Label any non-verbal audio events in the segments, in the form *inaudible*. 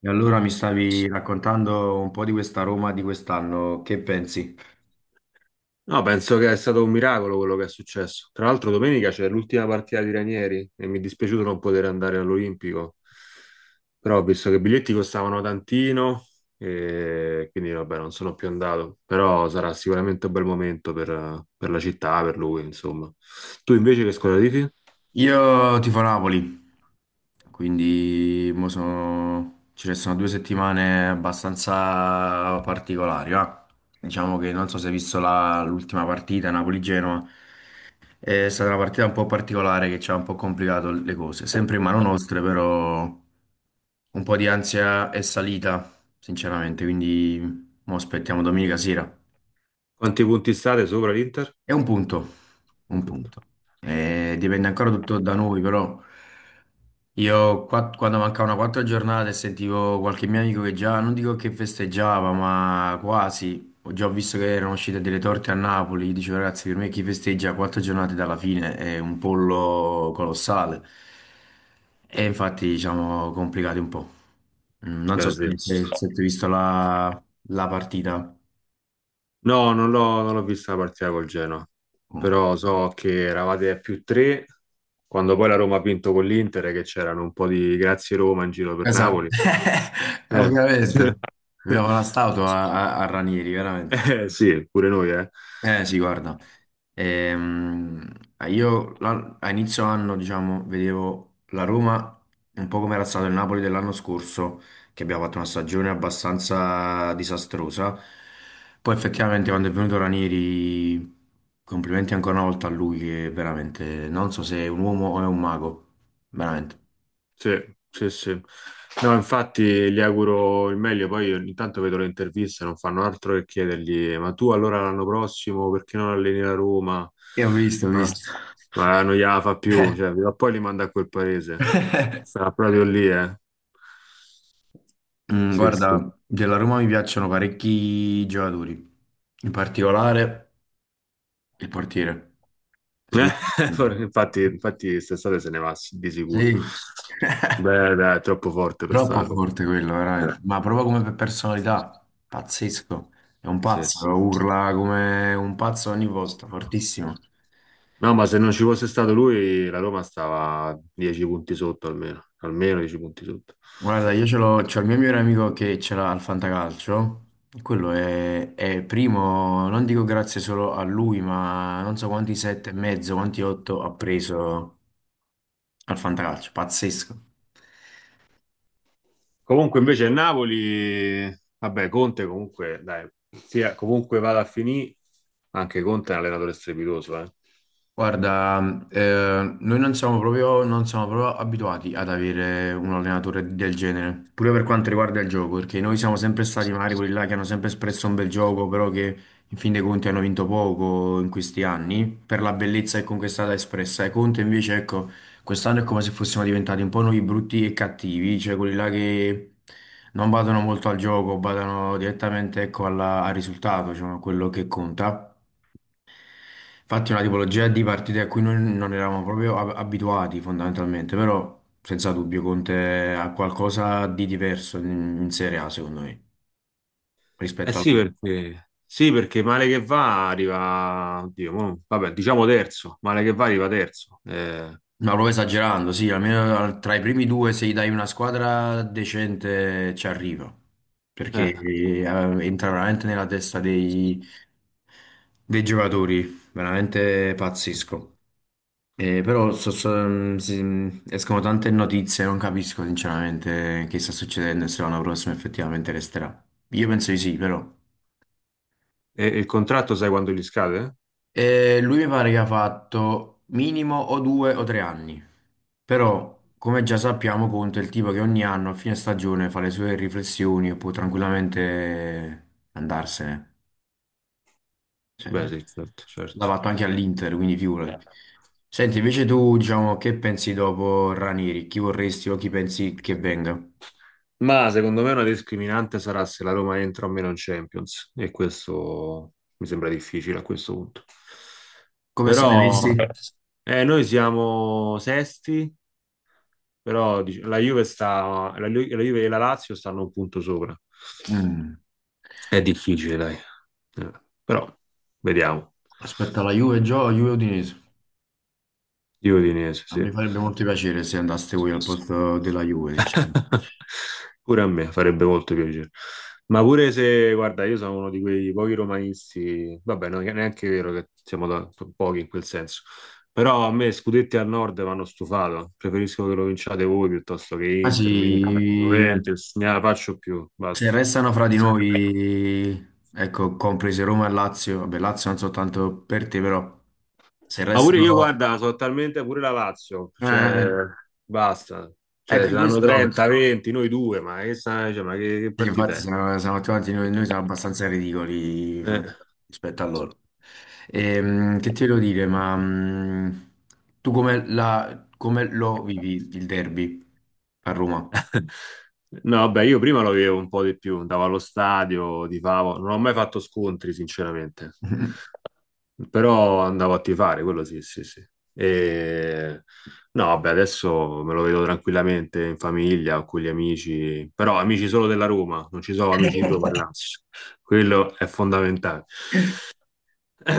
E allora mi stavi raccontando un po' di questa Roma di quest'anno, che pensi? No, penso che è stato un miracolo quello che è successo. Tra l'altro, domenica c'è l'ultima partita di Ranieri e mi è dispiaciuto non poter andare all'Olimpico. Però ho visto che i biglietti costavano tantino e quindi vabbè, non sono più andato. Però sarà sicuramente un bel momento per la città, per lui, insomma. Tu invece che squadra tifi? Io tifo Napoli, quindi ci restano due settimane abbastanza particolari. Va. Diciamo che non so se hai visto l'ultima partita Napoli-Genoa, è stata una partita un po' particolare che ci ha un po' complicato le cose, sempre in mano nostre però un po' di ansia è salita, sinceramente, quindi mo aspettiamo domenica sera. Quanti punti state sopra l'Inter? È un punto, Un un punto. punto. Dipende ancora tutto da noi, però io quando mancavano quattro giornate sentivo qualche mio amico che già, non dico che festeggiava, ma quasi, ho già visto che erano uscite delle torte a Napoli, dicevo ragazzi, per me chi festeggia quattro giornate dalla fine è un pollo colossale. E infatti, diciamo, complicati un po'. Mm, non so Beh, sì. se tu hai visto la partita. No, non l'ho vista la partita col Genoa, Mm. però so che eravate a più tre quando poi la Roma ha vinto con l'Inter, e che c'erano un po' di grazie Roma in giro per Esatto, Napoli. *laughs* Eh. ovviamente. Abbiamo la statua *laughs* a Ranieri, veramente. Sì, pure noi, eh. Eh sì, guarda, Ehm, io a inizio anno, diciamo, vedevo la Roma un po' come era stato il Napoli dell'anno scorso, che abbiamo fatto una stagione abbastanza disastrosa. Poi effettivamente quando è venuto Ranieri, complimenti ancora una volta a lui, che veramente non so se è un uomo o è un mago, veramente. Sì, sì, sì. No, infatti gli auguro il meglio, poi io ogni tanto vedo le interviste, non fanno altro che chiedergli, ma tu allora l'anno prossimo perché non alleni la Roma? Io ho visto, ho Ma, visto. ma non gliela fa più, cioè, *laughs* prima o poi li manda a quel paese. Sarà proprio lì, eh. Mm, Sì, sì. guarda, della Roma mi piacciono parecchi giocatori, in particolare il portiere. Svi- *laughs* Infatti, infatti quest'estate se ne va di sicuro. Sì, *laughs* Beh, dai, è troppo forte per troppo sta roba. forte quello, veramente. Eh, Ma proprio come per personalità, pazzesco. È un sì, pazzo, sì. urla come un pazzo ogni volta, fortissimo. No, ma se non ci fosse stato lui, la Roma stava 10 punti sotto almeno, almeno 10 punti sotto. Guarda, c'ho il mio migliore amico che ce l'ha al Fantacalcio. E quello è primo, non dico grazie solo a lui, ma non so quanti sette e mezzo, quanti otto ha preso. Al fantacalcio, pazzesco. Comunque invece il Napoli, vabbè, Conte comunque, dai, sia comunque vada a finire, anche Conte è un allenatore strepitoso, eh. Guarda, noi non siamo proprio, non siamo proprio abituati ad avere un allenatore del genere, pure per quanto riguarda il gioco, perché noi siamo sempre stati magari quelli là che hanno sempre espresso un bel gioco, però che in fin dei conti hanno vinto poco in questi anni, per la bellezza che comunque è stata espressa. E Conte invece, ecco, quest'anno è come se fossimo diventati un po' noi brutti e cattivi, cioè quelli là che non badano molto al gioco, badano direttamente, ecco, al risultato, diciamo, a quello che conta. Infatti è una tipologia di partite a cui noi non eravamo proprio abituati fondamentalmente, però senza dubbio Conte ha qualcosa di diverso in Serie A secondo me Eh rispetto al... sì, perché male che va arriva, oddio, vabbè, diciamo terzo, male che va arriva terzo. Ma proprio esagerando, sì, almeno tra i primi due se gli dai una squadra decente ci arriva, perché eh, entra veramente nella testa dei giocatori, veramente pazzesco. Però escono tante notizie, non capisco sinceramente che sta succedendo e se l'anno prossimo effettivamente resterà. Io penso di sì, però. e il contratto sai quando gli scade? Lui mi pare che ha fatto minimo o due o tre anni. Però, come già sappiamo, Conte è il tipo che ogni anno a fine stagione fa le sue riflessioni e può tranquillamente andarsene. Beh, Cioè, sì, certo, l'ha certo. fatto anche all'Inter, quindi figurati. Senti, invece tu, diciamo, che pensi dopo Ranieri? Chi vorresti o chi pensi che venga? Ma secondo me una discriminante sarà se la Roma entra o meno in Champions e questo mi sembra difficile a questo punto. Come state messi? Però noi siamo sesti, però la Juve e la Lazio stanno un punto sopra. Mm. È difficile, dai. Eh, però vediamo. Aspetta, la Juve gioca, Juve Udinese. Di Udinese, Ah, sì. mi farebbe molto piacere se andaste voi al posto della Juve, sinceramente. *laughs* Pure a me farebbe molto piacere. Ma pure se, guarda, io sono uno di quei pochi romanisti, vabbè, non è neanche vero che siamo pochi in quel senso, però a me scudetti al nord vanno stufato, preferisco che lo vinciate voi piuttosto che Ah Inter, Milan, sì, Juventus, ne la faccio più, se basta. restano fra di noi, ecco, comprese Roma e Lazio, vabbè, Lazio non soltanto per te, però se Ma pure io, restano... guarda, sono talmente pure la Lazio, Eh, cioè, basta. Cioè, ecco, ce l'hanno questo... 30, 20, noi due, ma che, cioè, ma che, Sì, infatti partita è? Siamo tutti noi, siamo abbastanza ridicoli Eh. rispetto a loro. Che ti volevo dire, ma tu come, come lo vivi il derby a Roma? *laughs* No, vabbè, io prima lo vivevo un po' di più, andavo allo stadio, tifavo, non ho mai fatto scontri, sinceramente, *laughs* però andavo a tifare, quello sì, sì, sì. E... No, vabbè, adesso me lo vedo tranquillamente in famiglia o con gli amici, però amici solo della Roma, non ci sono amici di Roma e Lazio, quello è fondamentale.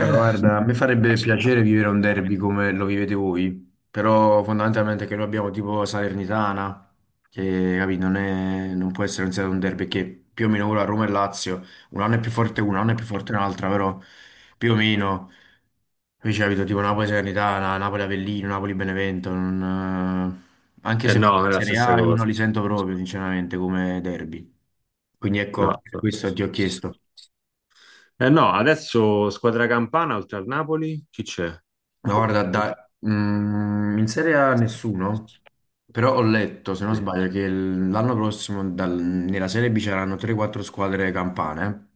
Guarda, a me farebbe piacere vivere un derby come lo vivete voi, però fondamentalmente che noi abbiamo tipo Salernitana, che capì, non può essere considerato un derby, che più o meno ora Roma e Lazio, un anno è più forte una, un anno è più forte un'altra, però più o meno... Capisci, capito? Tipo Napoli-Salernitana, Napoli-Avellino, Napoli-Benevento, non, anche Eh se in no, non è la Serie stessa A io cosa. non li sento proprio, sinceramente, come derby. Quindi ecco, No, per no. questo ti ho chiesto. Eh no, adesso squadra campana oltre al Napoli, chi c'è? Ma guarda, Mm. In Serie A nessuno, però ho letto, se non sbaglio, che l'anno prossimo nella Serie B c'erano 3-4 squadre campane.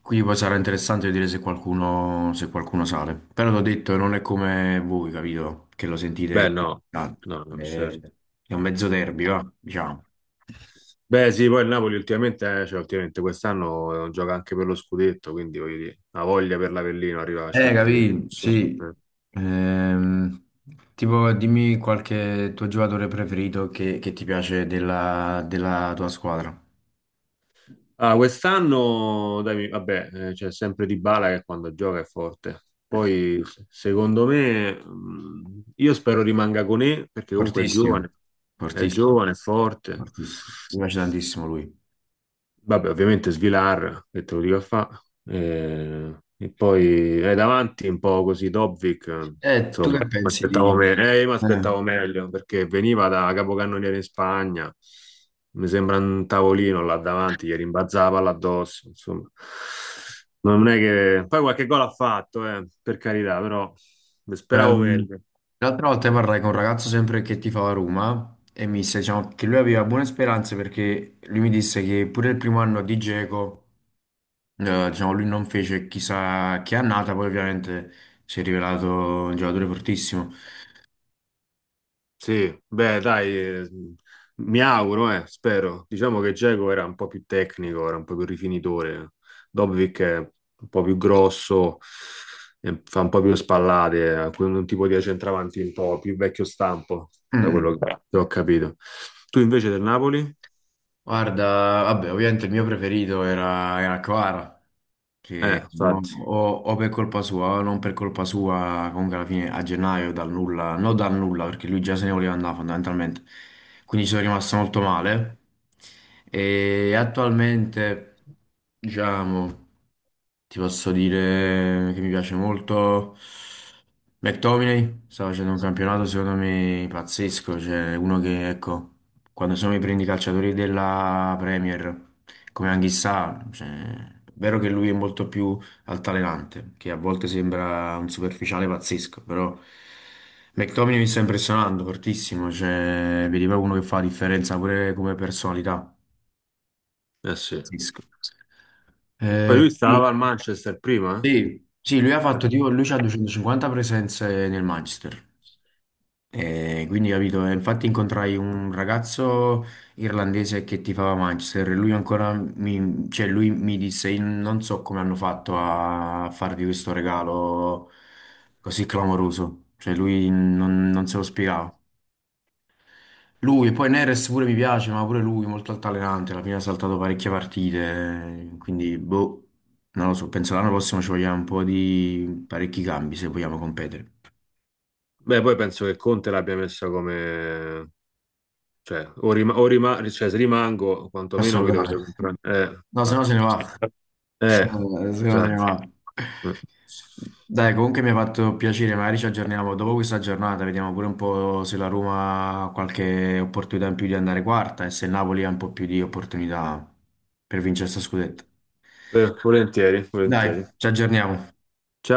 Quindi poi sarà interessante vedere se qualcuno, se qualcuno sale. Però l'ho detto, non è come voi, capito? Che lo Beh, sentite no, tanto. no, no, certo. È un mezzo derby, va, diciamo. Beh, sì, poi il Napoli ultimamente, cioè, ultimamente quest'anno gioca anche per lo scudetto, quindi voglio dire, la voglia per l'Avellino arriva a certi livelli. Capì, insomma, sì. eh. Ehm, tipo, dimmi qualche tuo giocatore preferito che ti piace della tua squadra. Ah, quest'anno, dai, vabbè, c'è sempre Dybala che quando gioca è forte. Poi, secondo me, io spero rimanga con E, perché comunque è Fortissimo, giovane, è fortissimo, giovane, è forte. fortissimo. Mi piace tantissimo lui. Vabbè, ovviamente Svilar, che te lo dico a fa. E poi davanti un po' così Dobbik, Tu insomma, che mi pensi di... aspettavo mi eh, aspettavo meglio perché veniva da capocannoniere in Spagna. Mi sembra un tavolino là davanti, gli rimbalzava là addosso, insomma. Non è che... Poi qualche gol ha fatto, per carità, però speravo ehm, meglio. l'altra volta parlai con un ragazzo sempre che tifava Roma e mi disse, diciamo, che lui aveva buone speranze perché lui mi disse che pure il primo anno di Dzeko eh, diciamo, lui non fece chissà che annata, poi ovviamente si è rivelato un giocatore fortissimo. Sì, beh, dai, mi auguro, spero. Diciamo che Dzeko era un po' più tecnico, era un po' più rifinitore. Dobbik è un po' più grosso, fa un po' più spallate, ha un tipo di centravanti un po' più vecchio stampo, da Mm. quello che ho capito. Tu invece del Napoli? Guarda, vabbè, ovviamente il mio preferito era Kvara. Che Infatti, o per colpa sua o non per colpa sua, comunque alla fine a gennaio dal nulla, non dal nulla perché lui già se ne voleva andare fondamentalmente, quindi ci sono rimasto molto male e attualmente diciamo ti posso dire che mi piace molto McTominay, sta facendo un campionato secondo me pazzesco, cioè uno che ecco quando sono i prendi i calciatori della Premier come Anghissà, cioè, è vero che lui è molto più altalenante, che a volte sembra un superficiale pazzesco, però McTominay mi sta impressionando fortissimo, cioè, vedi proprio uno che fa la differenza pure come personalità, eh sì. pazzesco. Poi lui stava Sì. al Manchester prima? Sì, sì, lui ha fatto Eh? tipo, lui c'ha 250 presenze nel Manchester. E quindi capito, e infatti incontrai un ragazzo irlandese che tifava Manchester e lui ancora mi, cioè lui mi disse: "Io non so come hanno fatto a farvi questo regalo così clamoroso", cioè lui non, non se lo spiegava. Lui e poi Neres pure mi piace, ma pure lui molto altalenante, alla fine ha saltato parecchie partite, quindi boh, non lo so, penso l'anno prossimo ci vogliamo un po' di parecchi cambi se vogliamo competere. Beh, poi penso che Conte l'abbia messa come... Cioè, se rimango, A quantomeno mi salutare, dovete comprare. No se no Infatti. se ne va. Eh, Eh, Secondo me, esatto. va. Eh. Dai, comunque mi ha fatto piacere, magari ci aggiorniamo dopo questa giornata, vediamo pure un po' se la Roma ha qualche opportunità in più di andare quarta e se il Napoli ha un po' più di opportunità per vincere sta scudetto. Volentieri, volentieri. Dai, ci aggiorniamo. Ciao.